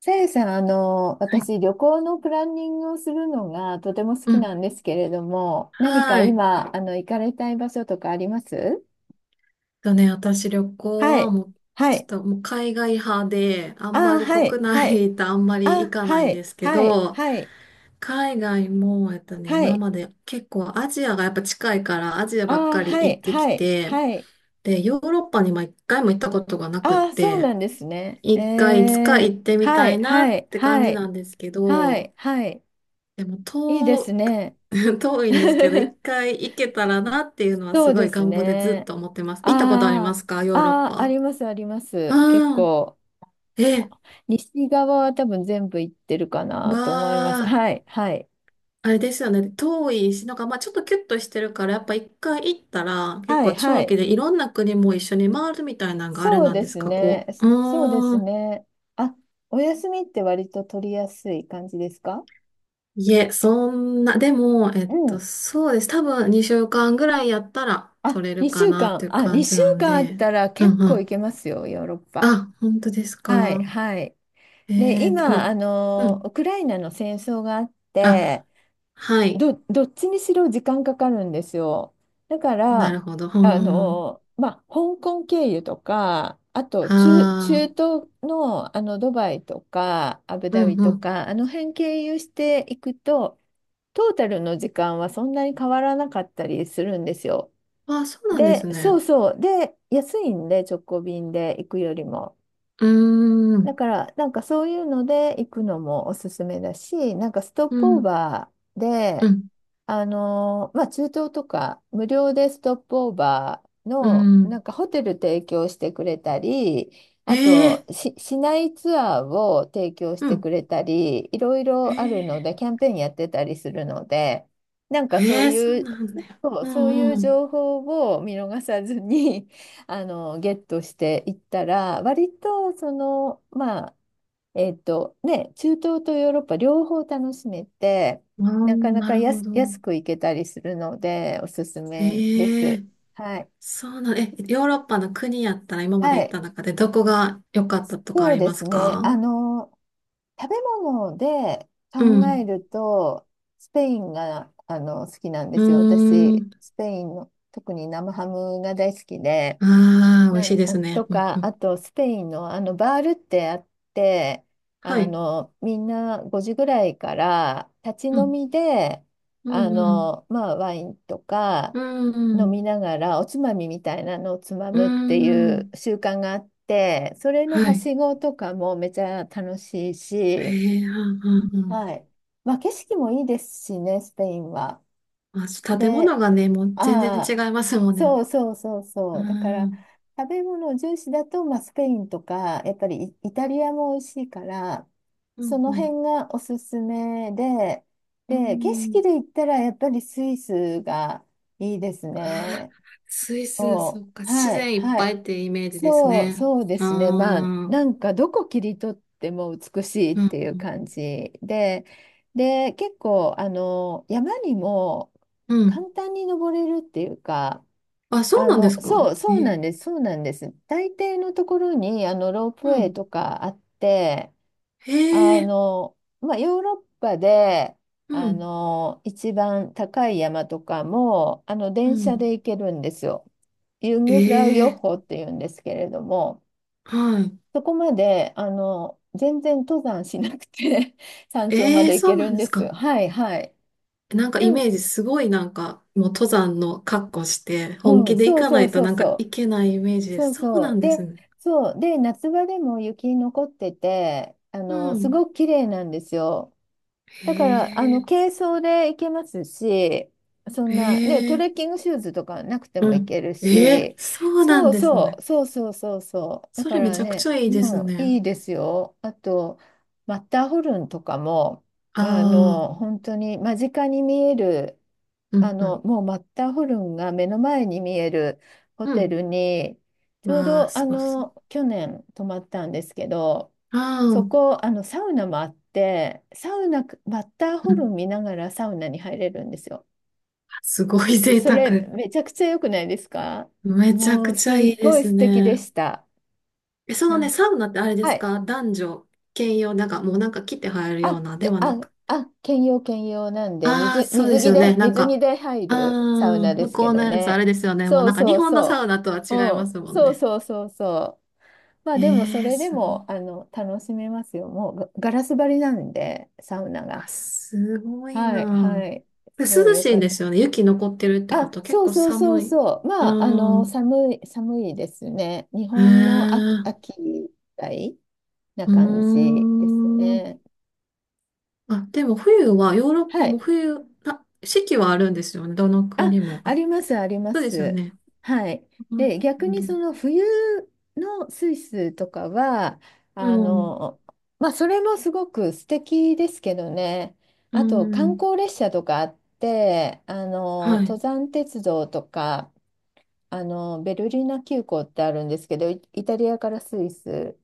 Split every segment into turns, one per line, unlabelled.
さやさん、
はい。
私、旅行のプランニングをするのがとても好
う
きな
ん。
んですけれども、何か
はい。
今、行かれたい場所とかあります？
とね、私旅行
は
は
い。
もう、
は
ちょっ
い。
ともう海外派で、あんま
あー
り
はい。
国
はい。
内とあんまり
あ、
行かない
は
んで
い。
すけ
はい。
ど、
はい。
海外も、
は
今
い。
まで結構アジアがやっぱ近いからアジアばっ
あー
かり
は
行
い。
ってき
はい。
て、
はい。
で、ヨーロッパにも一回も行ったことがなくっ
あーそう
て、
なんですね。
一回いつか
えー
行ってみ
は
た
い。
いな
は
っ
い。
て感
は
じ
い。
なんですけ
は
ど、
い。はい。
でも
いいですね。
遠いんですけど、一 回行けたらなっていうのは
そ
す
う
ご
で
い
す
願望でずっ
ね。
と思ってます。行ったことありま
あ
すか、
あ、
ヨーロッ
ああ、あ
パ？
ります、ありま
あ
す。結
あ、
構。
え、
西側は多分全部行ってるかな
ま
と思います。
あ、
はい、はい、
あれですよね。遠いし、なんかまあちょっとキュッとしてるから、やっぱ一回行ったら結
は
構
い、は
長期
い。
でいろんな国も一緒に回るみたいなのがあれ
そう
なん
で
です
す
か、
ね。
こ
そ
う。
そうです
うーん。
ね。あ、お休みって割と取りやすい感じですか？
いえ、そんな、でも、
うん。
そうです。多分2週間ぐらいやったら
あ、
取れる
2
か
週
なっ
間。
ていう
あ、
感じ
2
な
週
ん
間あっ
で。
たら
う
結
んう
構行
ん。
けますよ、ヨーロッパ。
あ、本当です
はい、
か？
はい。で、今、
今、うん。
ウクライナの戦争があって、
あ、はい。
どっちにしろ時間かかるんですよ。だか
な
ら、
るほど。うん。
香港経由とか、あと
は
中
あ、
東の、ドバイとかアブ
う
ダビ
んう
と
ん。
か、あの辺経由していくと、トータルの時間はそんなに変わらなかったりするんですよ。
あ、そうなんで
で、
す
そう
ね。
そう。で、安いんで、直行便で行くよりも。
うー
だ
ん、
から、なんかそういうので行くのもおすすめだし、なんかストッ
う
プオー
ん、
バー
う
で、
ん、
中東とか無料でストップオーバー
う
の、
ん。
なんかホテル提供してくれたり、
え
あと
え
し、市内ツアーを提供し
う
てく
ん。
れたり、いろい
え
ろあるの
え
で、キャンペーンやってたりするので、なんかそう
ええそう
いう、
なんだよ。
そう、
う
そうい
ん
う
うん。
情報を見逃さずにゲットしていったら、割とそのまあ、中東とヨーロッパ両方楽しめて、
ああ、
なかな
な
か
るほど。
安く行けたりするので、おすすめで
え
す。
え
はい、
そうなん、ヨーロッパの国やったら今ま
は
で行っ
い、
た中でどこが良かったとかあ
そう
り
で
ます
すね。
か？
食べ物で
う
考え
ん。
ると、スペインが好きなんで
う
すよ、
ー
私。
ん。
スペインの特に生ハムが大好きで。
ああ、美味
な
しい
ん
で
あ
すね。
と
うんう
か、あ
ん。
とスペインのバールってあって、
はい。
みんな5時ぐらいから立ち
う
飲
ん。
みで、
うんうん。
ワインとか
うんう
飲み
ん。
ながらおつまみみたいなのをつま
う
むっていう
ん。
習慣があって、それの
は
は
い。
しごとかもめちゃ楽しい
へ
し、
え、うんうんうん。
はい。まあ、景色もいいですしね、スペインは。
まあ、建
で、
物がね、もう全然
ああ、
違いますもんね。
そうそうそう
う
そう。だから、
ん。
食べ物重視だと、まあ、スペインとか、やっぱりイタリアも美味しいから、
う
そ
んう
の
ん。
辺がおすすめで、
う
で、景
ん。
色で言ったら、やっぱりスイスがいいです
ああ、
ね。
スイス、そ
こ
っか、
う、
自
はい、
然いっ
は
ぱ
い。
いってイメージです
そう、
ね。
そうで
ああ、
すね。まあ、
う
な
ん
んかどこ切り取っても美しいっ
う
ていう
ん
感じで、で、結構、山にも
うん。
簡単に登れるっていうか、
あ、そうなんです
そ
か、
う、そうなんです、そうなんです。大抵のところに、ロープウ
う
ェイ
ん。
とかあって、
へえ、
ヨーロッパで、
うん。
一番高い山とかも、
う
電車
ん。
で行けるんですよ。ユン
え
グフラウヨッ
え、
ホっていうんですけれども、
はい。
そこまで、全然登山しなくて 山頂ま
ええ、
で行
そ
け
う
る
なん
ん
で
で
す
す。
か？
はいはい。
なんかイ
なん、
メージすごいなんかもう登山の格好して本
うん、
気で行
そう
かな
そう
いと
そう
なんか
そう。
いけないイメージで
そ
す。
う
そう
そ
な
う。
んで
で、
すね。
そう。で、夏場でも雪残ってて、
う
す
ん。
ごく綺麗なんですよ。だから、
へえ、
軽装で行けますし、そんな、ね、
へ
ト
え、
レッキングシューズとかなくても
う
行
ん。
ける
ええ、
し、
そうな
そ
ん
う
です
そ
ね。
う、そうそうそうそう。だ
そ
か
れめ
ら
ちゃくち
ね、
ゃいいです
もうい
ね。
いですよ。あと、マッターホルンとかも、
ああ、
本当に間近に見える、
うん、うん、
もうマッターホルンが目の前に見えるホ
う
テ
ん。
ルに、ちょう
わあ、
ど、
すごそう。
去年泊まったんですけど、
ああ、
そ
う
こ、サウナもあって、サウナ、マッターホルン
ん。
見ながらサウナに入れるんですよ。
すごい贅
そ
沢。
れ、めちゃくちゃ良くないですか？
めちゃ
もう、
くち
す
ゃい
っ
いで
ごい
す
素敵で
ね。
した。
え、その
な
ね、
んか、
サウナってあれで
は
す
い。
か、男女兼用、なんかもうなんか来て入るよ
あ、
うなで
け
はな
あ、
く。
あ、兼用兼用なんで、
ああ、そうで
水
す
着
よ
で、
ね。なん
水着
か、
で入
あ
るサウナ
あ、
で
向
す
こ
け
う
ど
のやつあ
ね。
れですよね。もう
そう
なんか日
そう
本のサ
そ
ウナとは
う。
違
う
います
ん、
もん
そう
ね。
そうそうそう。まあでも、そ
ええ
れで
すごい。
も楽しめますよ。もうガラス張りなんで、サウナが。
あ、すごい
はい、
な。
はい。
で
すごい
涼
よ
しい
か
ん
っ
で
た。
すよね。雪残ってるってこ
あ、
とは結
そう
構
そうそ
寒
う
い。
そう。
あ
まあ、寒い、寒いですね。日
あ、へ
本の
え、
秋、秋みたいな
う
感じです
ーん。
ね。
あ、でも冬は、ヨーロッ
は
パも
い。
冬、あ、四季はあるんですよね。どの
あ、
国も。
あ
あ、
ります、ありま
そうですよ
す。
ね。
はい。
うん、
で、逆にその冬のスイスとかは、
う
あ
ん、
の、それもすごく素敵ですけどね。
う
あと、観
ん、
光列車とかあって、
は
登
い。
山鉄道とか、ベルリーナ急行ってあるんですけど、イタリアからスイス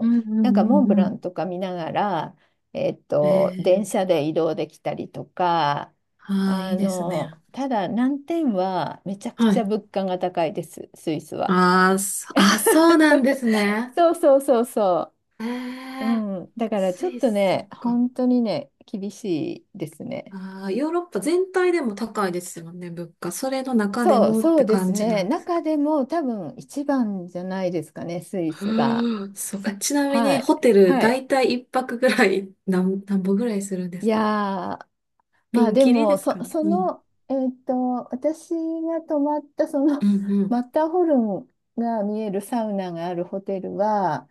うん、うん、
なんか
う
モン
ん、
ブ
う
ラ
ん。
ンとか見ながら、電
ええ
車で移動できたりとか、
ああ、いいですね。
ただ難点はめちゃく
は
ちゃ
い。
物価が高いです、スイスは。
ああ、そあ、そうなんで すね。
そうそうそうそ
え
う。う
え、
ん。だからち
ス
ょっ
イ
と
ス、そっ
ね、
か。
本当にね、厳しいですね。
ああ、ヨーロッパ全体でも高いですよね、物価。それの中で
そう、
もっ
そ
て
うです
感じな
ね。
んです
中
か？
でも多分一番じゃないですかね、スイ スが。
うーん、そうか。ちなみ
は
に、
い。
ホテル、
は
だ
い。
いたい一泊ぐらい、なんぼぐらいするんで
い
す
や
か？
ー、ま
ピ
あ
ン
で
キリで
も、
すかね。
そ
うん。
の、私が泊まったそ
う
の
んう
マ
ん。
ッター ホルンが見えるサウナがあるホテルは、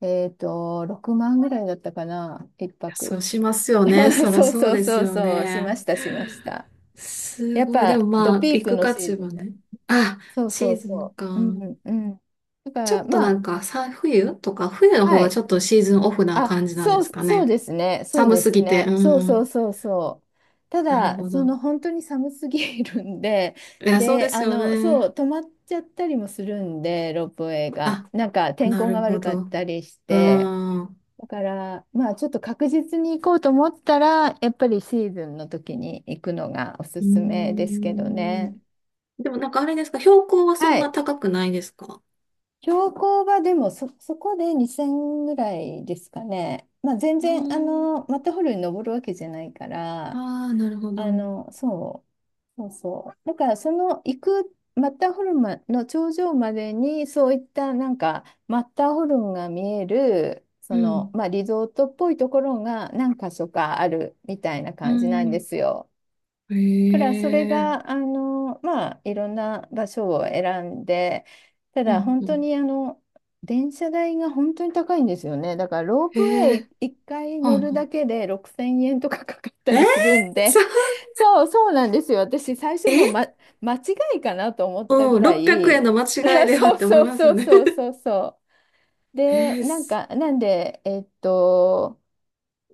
6万ぐらいだったかな、一泊。
そうしますよ ね。そりゃ
そう
そう
そう
です
そう
よ
そう、しま
ね。
した、しました。
す
やっ
ごい。でも
ぱ、
ま
ド
あ、
ピー
行
ク
く
の
価
シ
値
ーズ
は
ンだ。
ね。あ、
そうそ
シ
う
ーズン
そ
か。
う。うんうん。だか
ちょ
ら、
っと
ま
な
あ、
んか、冬とか、冬の方
は
が
い。
ちょっとシーズンオフな
あ、
感じなんで
そう、
すか
そう
ね？
ですね。そう
寒
で
す
す
ぎて。
ね。そう
う
そう
ん。
そうそう。た
なる
だ、
ほ
そ
ど。
の本当に寒すぎるんで、
いや、そうで
で、
すよ
そう、
ね。
止まっちゃったりもするんで、ロープウェイが。
あ、
なんか天
な
候が
るほ
悪かっ
ど。
たりし
う
て。
ん。う
だから、まあ、ちょっと確実に行こうと思ったら、やっぱりシーズンの時に行くのがおす
ー
すめですけど
ん。
ね。
でもなんかあれですか、標高はそ
は
んな
い。
高くないですか？
標高はでもそこで2000ぐらいですかね。まあ、全
うー
然、
ん。
マッターホルンに登るわけじゃないから、
ああ、なるほど。う
そう、そうそう。だから、その行くマッターホルンの頂上までに、そういったなんか、マッターホルンが見える、その、
ん。
まあ、リゾートっぽいところが何か所かあるみたいな
う
感じなんで
ん。
すよ。だ
へ
からそれが
え。
まあ、いろんな場所を選んで、た
う
だ
ん、
本
う
当
ん。
に電車代が本当に高いんですよね。だからロープウェ
へえ。
イ1回
はあ
乗
は
るだ
あ
けで6000円とかかかった
えー、
りするん
さ、
で、 そうそうなんですよ。私最初もう、
え
間違いかなと思ったぐ
うん、
ら
600円
い。
の間 違いでは
そう
って思い
そう
ます
そ
よ
う
ね？
そうそうそう
え
で、
ー、
なんか、なんで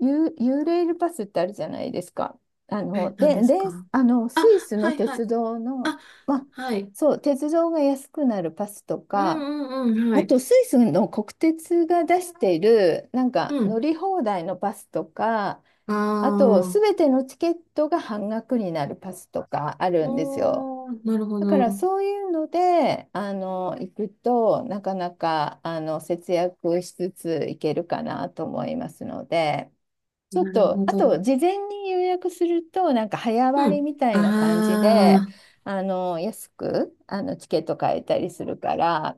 ユーレールパスってあるじゃないですか。あの、
何
で、
です
で、
か？
ス
あ、
イス
は
の
いはい。
鉄道の、
あ、
まあ、
はい。
そう、鉄道が安くなるパスと
う
か、
んうんうん、は
あ
い。
とスイスの国鉄が出している、なんか
う
乗
ん。
り放題のパスとか、
あ
あと、す
あ、
べてのチケットが半額になるパスとかあるんですよ。
おー、なるほ
だから
ど。
そういうので、行くと、なかなか、節約しつつ行けるかなと思いますので。ちょっ
なる
と、
ほ
あ
ど。
と、事前に予約すると、なんか早
う
割
ん。
りみたいな感じで、
ああ、
安く、チケット買えたりするから、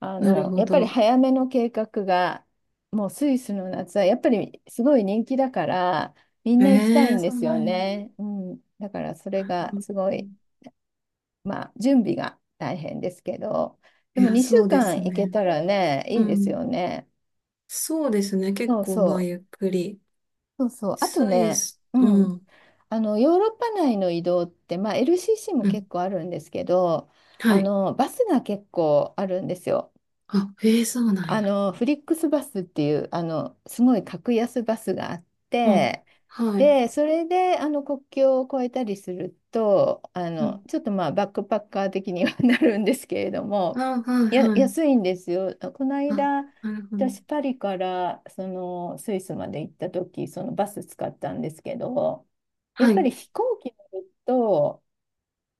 なるほ
やっぱり
ど。
早めの計画が、もうスイスの夏は、やっぱりすごい人気だから、みん
え
な行きたい
え
んで
そう
す
な
よ
ん
ね。うん。だから、それ
や。なる
が
ほど。
すごい、まあ、準備が大変ですけど、で
い
も
や、
2
そ
週
うで
間
す
行け
ね。
たらね、い
う
いです
ん。
よね。
そうですね。結
そう
構、まあ、
そ
ゆっ
う。
くり。
そうそう。あと
スイ
ね、
ス、
うん。
うん。
ヨーロッパ内の移動って、まあ、LCC も
うん。
結構あるんですけど、
はい。
バスが結構あるんですよ。
あ、ええそうなんや。
フリックスバスっていう、すごい格安バスがあっ
うん。
て、
はい。
で、それで、国境を越えたりすると、
うん。
ちょっとまあ、バックパッカー的には なるんですけれども、
あ、はい、
や、
はい。
安いんですよ。この
あ、
間、
なるほど。
私、パリから、その、スイスまで行った時、そのバス使ったんですけど、やっ
は
ぱり
い。
飛行機乗ると、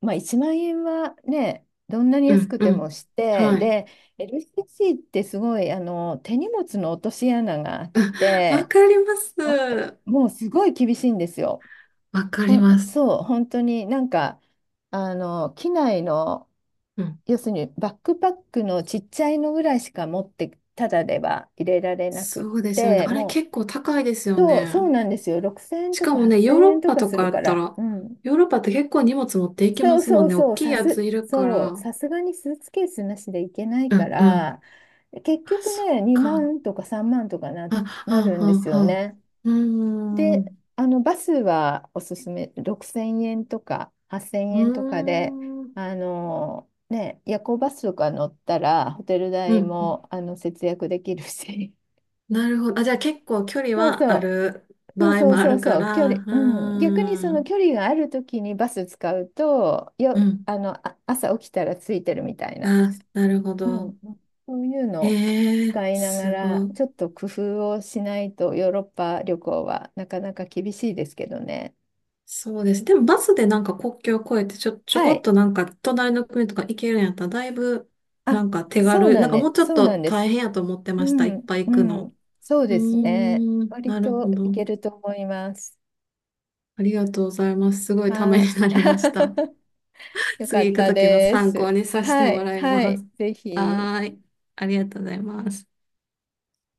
まあ、1万円はね、どんなに
う
安
ん、
く
う
て
ん。
もして、
はい。
で、LCC ってすごい手荷物の落とし穴があっ
わ
て、
かりま
わ
す。
もうすごい厳しいんですよ。
わかります。
そう、本当になんか、機内の、
うん。
要するにバックパックのちっちゃいのぐらいしか持って、ただでは入れられなくっ
そうですよね。
て、
あれ
も
結構高いです
う、
よ
そう、そう
ね。
なんですよ。6000円
し
と
か
か
もね、
8000
ヨーロ
円
ッ
と
パ
か
と
す
か
る
や
か
った
ら。
ら、
うん、
ヨーロッパって結構荷物持っていき
そ
ま
う
すも
そ
ん
う
ね。大
そう、
きいやついるから。
さすがにスーツケースなしでいけない
う
か
んうん。
ら、結
あ、
局
そっ
ね、2
か。
万とか3万とかな、
あ、は
な
あ
るんです
はあ
よ
はあ。
ね。
うーん。
で、
う
バスはおすすめ、6000円とか8000
ー
円とかで、
ん。
ね、夜行バスとか乗ったら、ホテル
う
代
ん。
も、節約できるし、
なるほど。あ、じゃあ結構距 離
そう
はあ
そう、
る
そ
場
う
合
そう
もあ
そう
るか
そう、距
ら、
離、
う
うん、逆にそ
ー
の
ん。
距離があるときにバス使うと、
う
よ、
ん。
あの、あ、朝起きたらついてるみたいな、
あ、なるほ
う
ど。
ん、そういうのを
ええ
使いなが
すご
ら、
い。
ちょっと工夫をしないとヨーロッパ旅行はなかなか厳しいですけどね。
そうです。でもバスでなんか国境を越えてちょ、ちょ
は
こっ
い。
となんか隣の国とか行けるんやったらだいぶな
あ、
んか手
そう
軽、
な
な
ん
んかも
ね、
うちょっ
そうな
と
んで
大
す。
変やと思って
う
ました。いっ
ん、
ぱい行
う
くの。
ん、そう
う
ですね。
ーん。
割
なるほ
とい
ど。
けると思います。
ありがとうございます。すごいため
はい。
になりました。
よか
次
っ
行く
た
ときの
で
参考
す。
にさせて
は
も
い、
らい
は
ま
い、
す。
ぜひ。
はーい。ありがとうございます。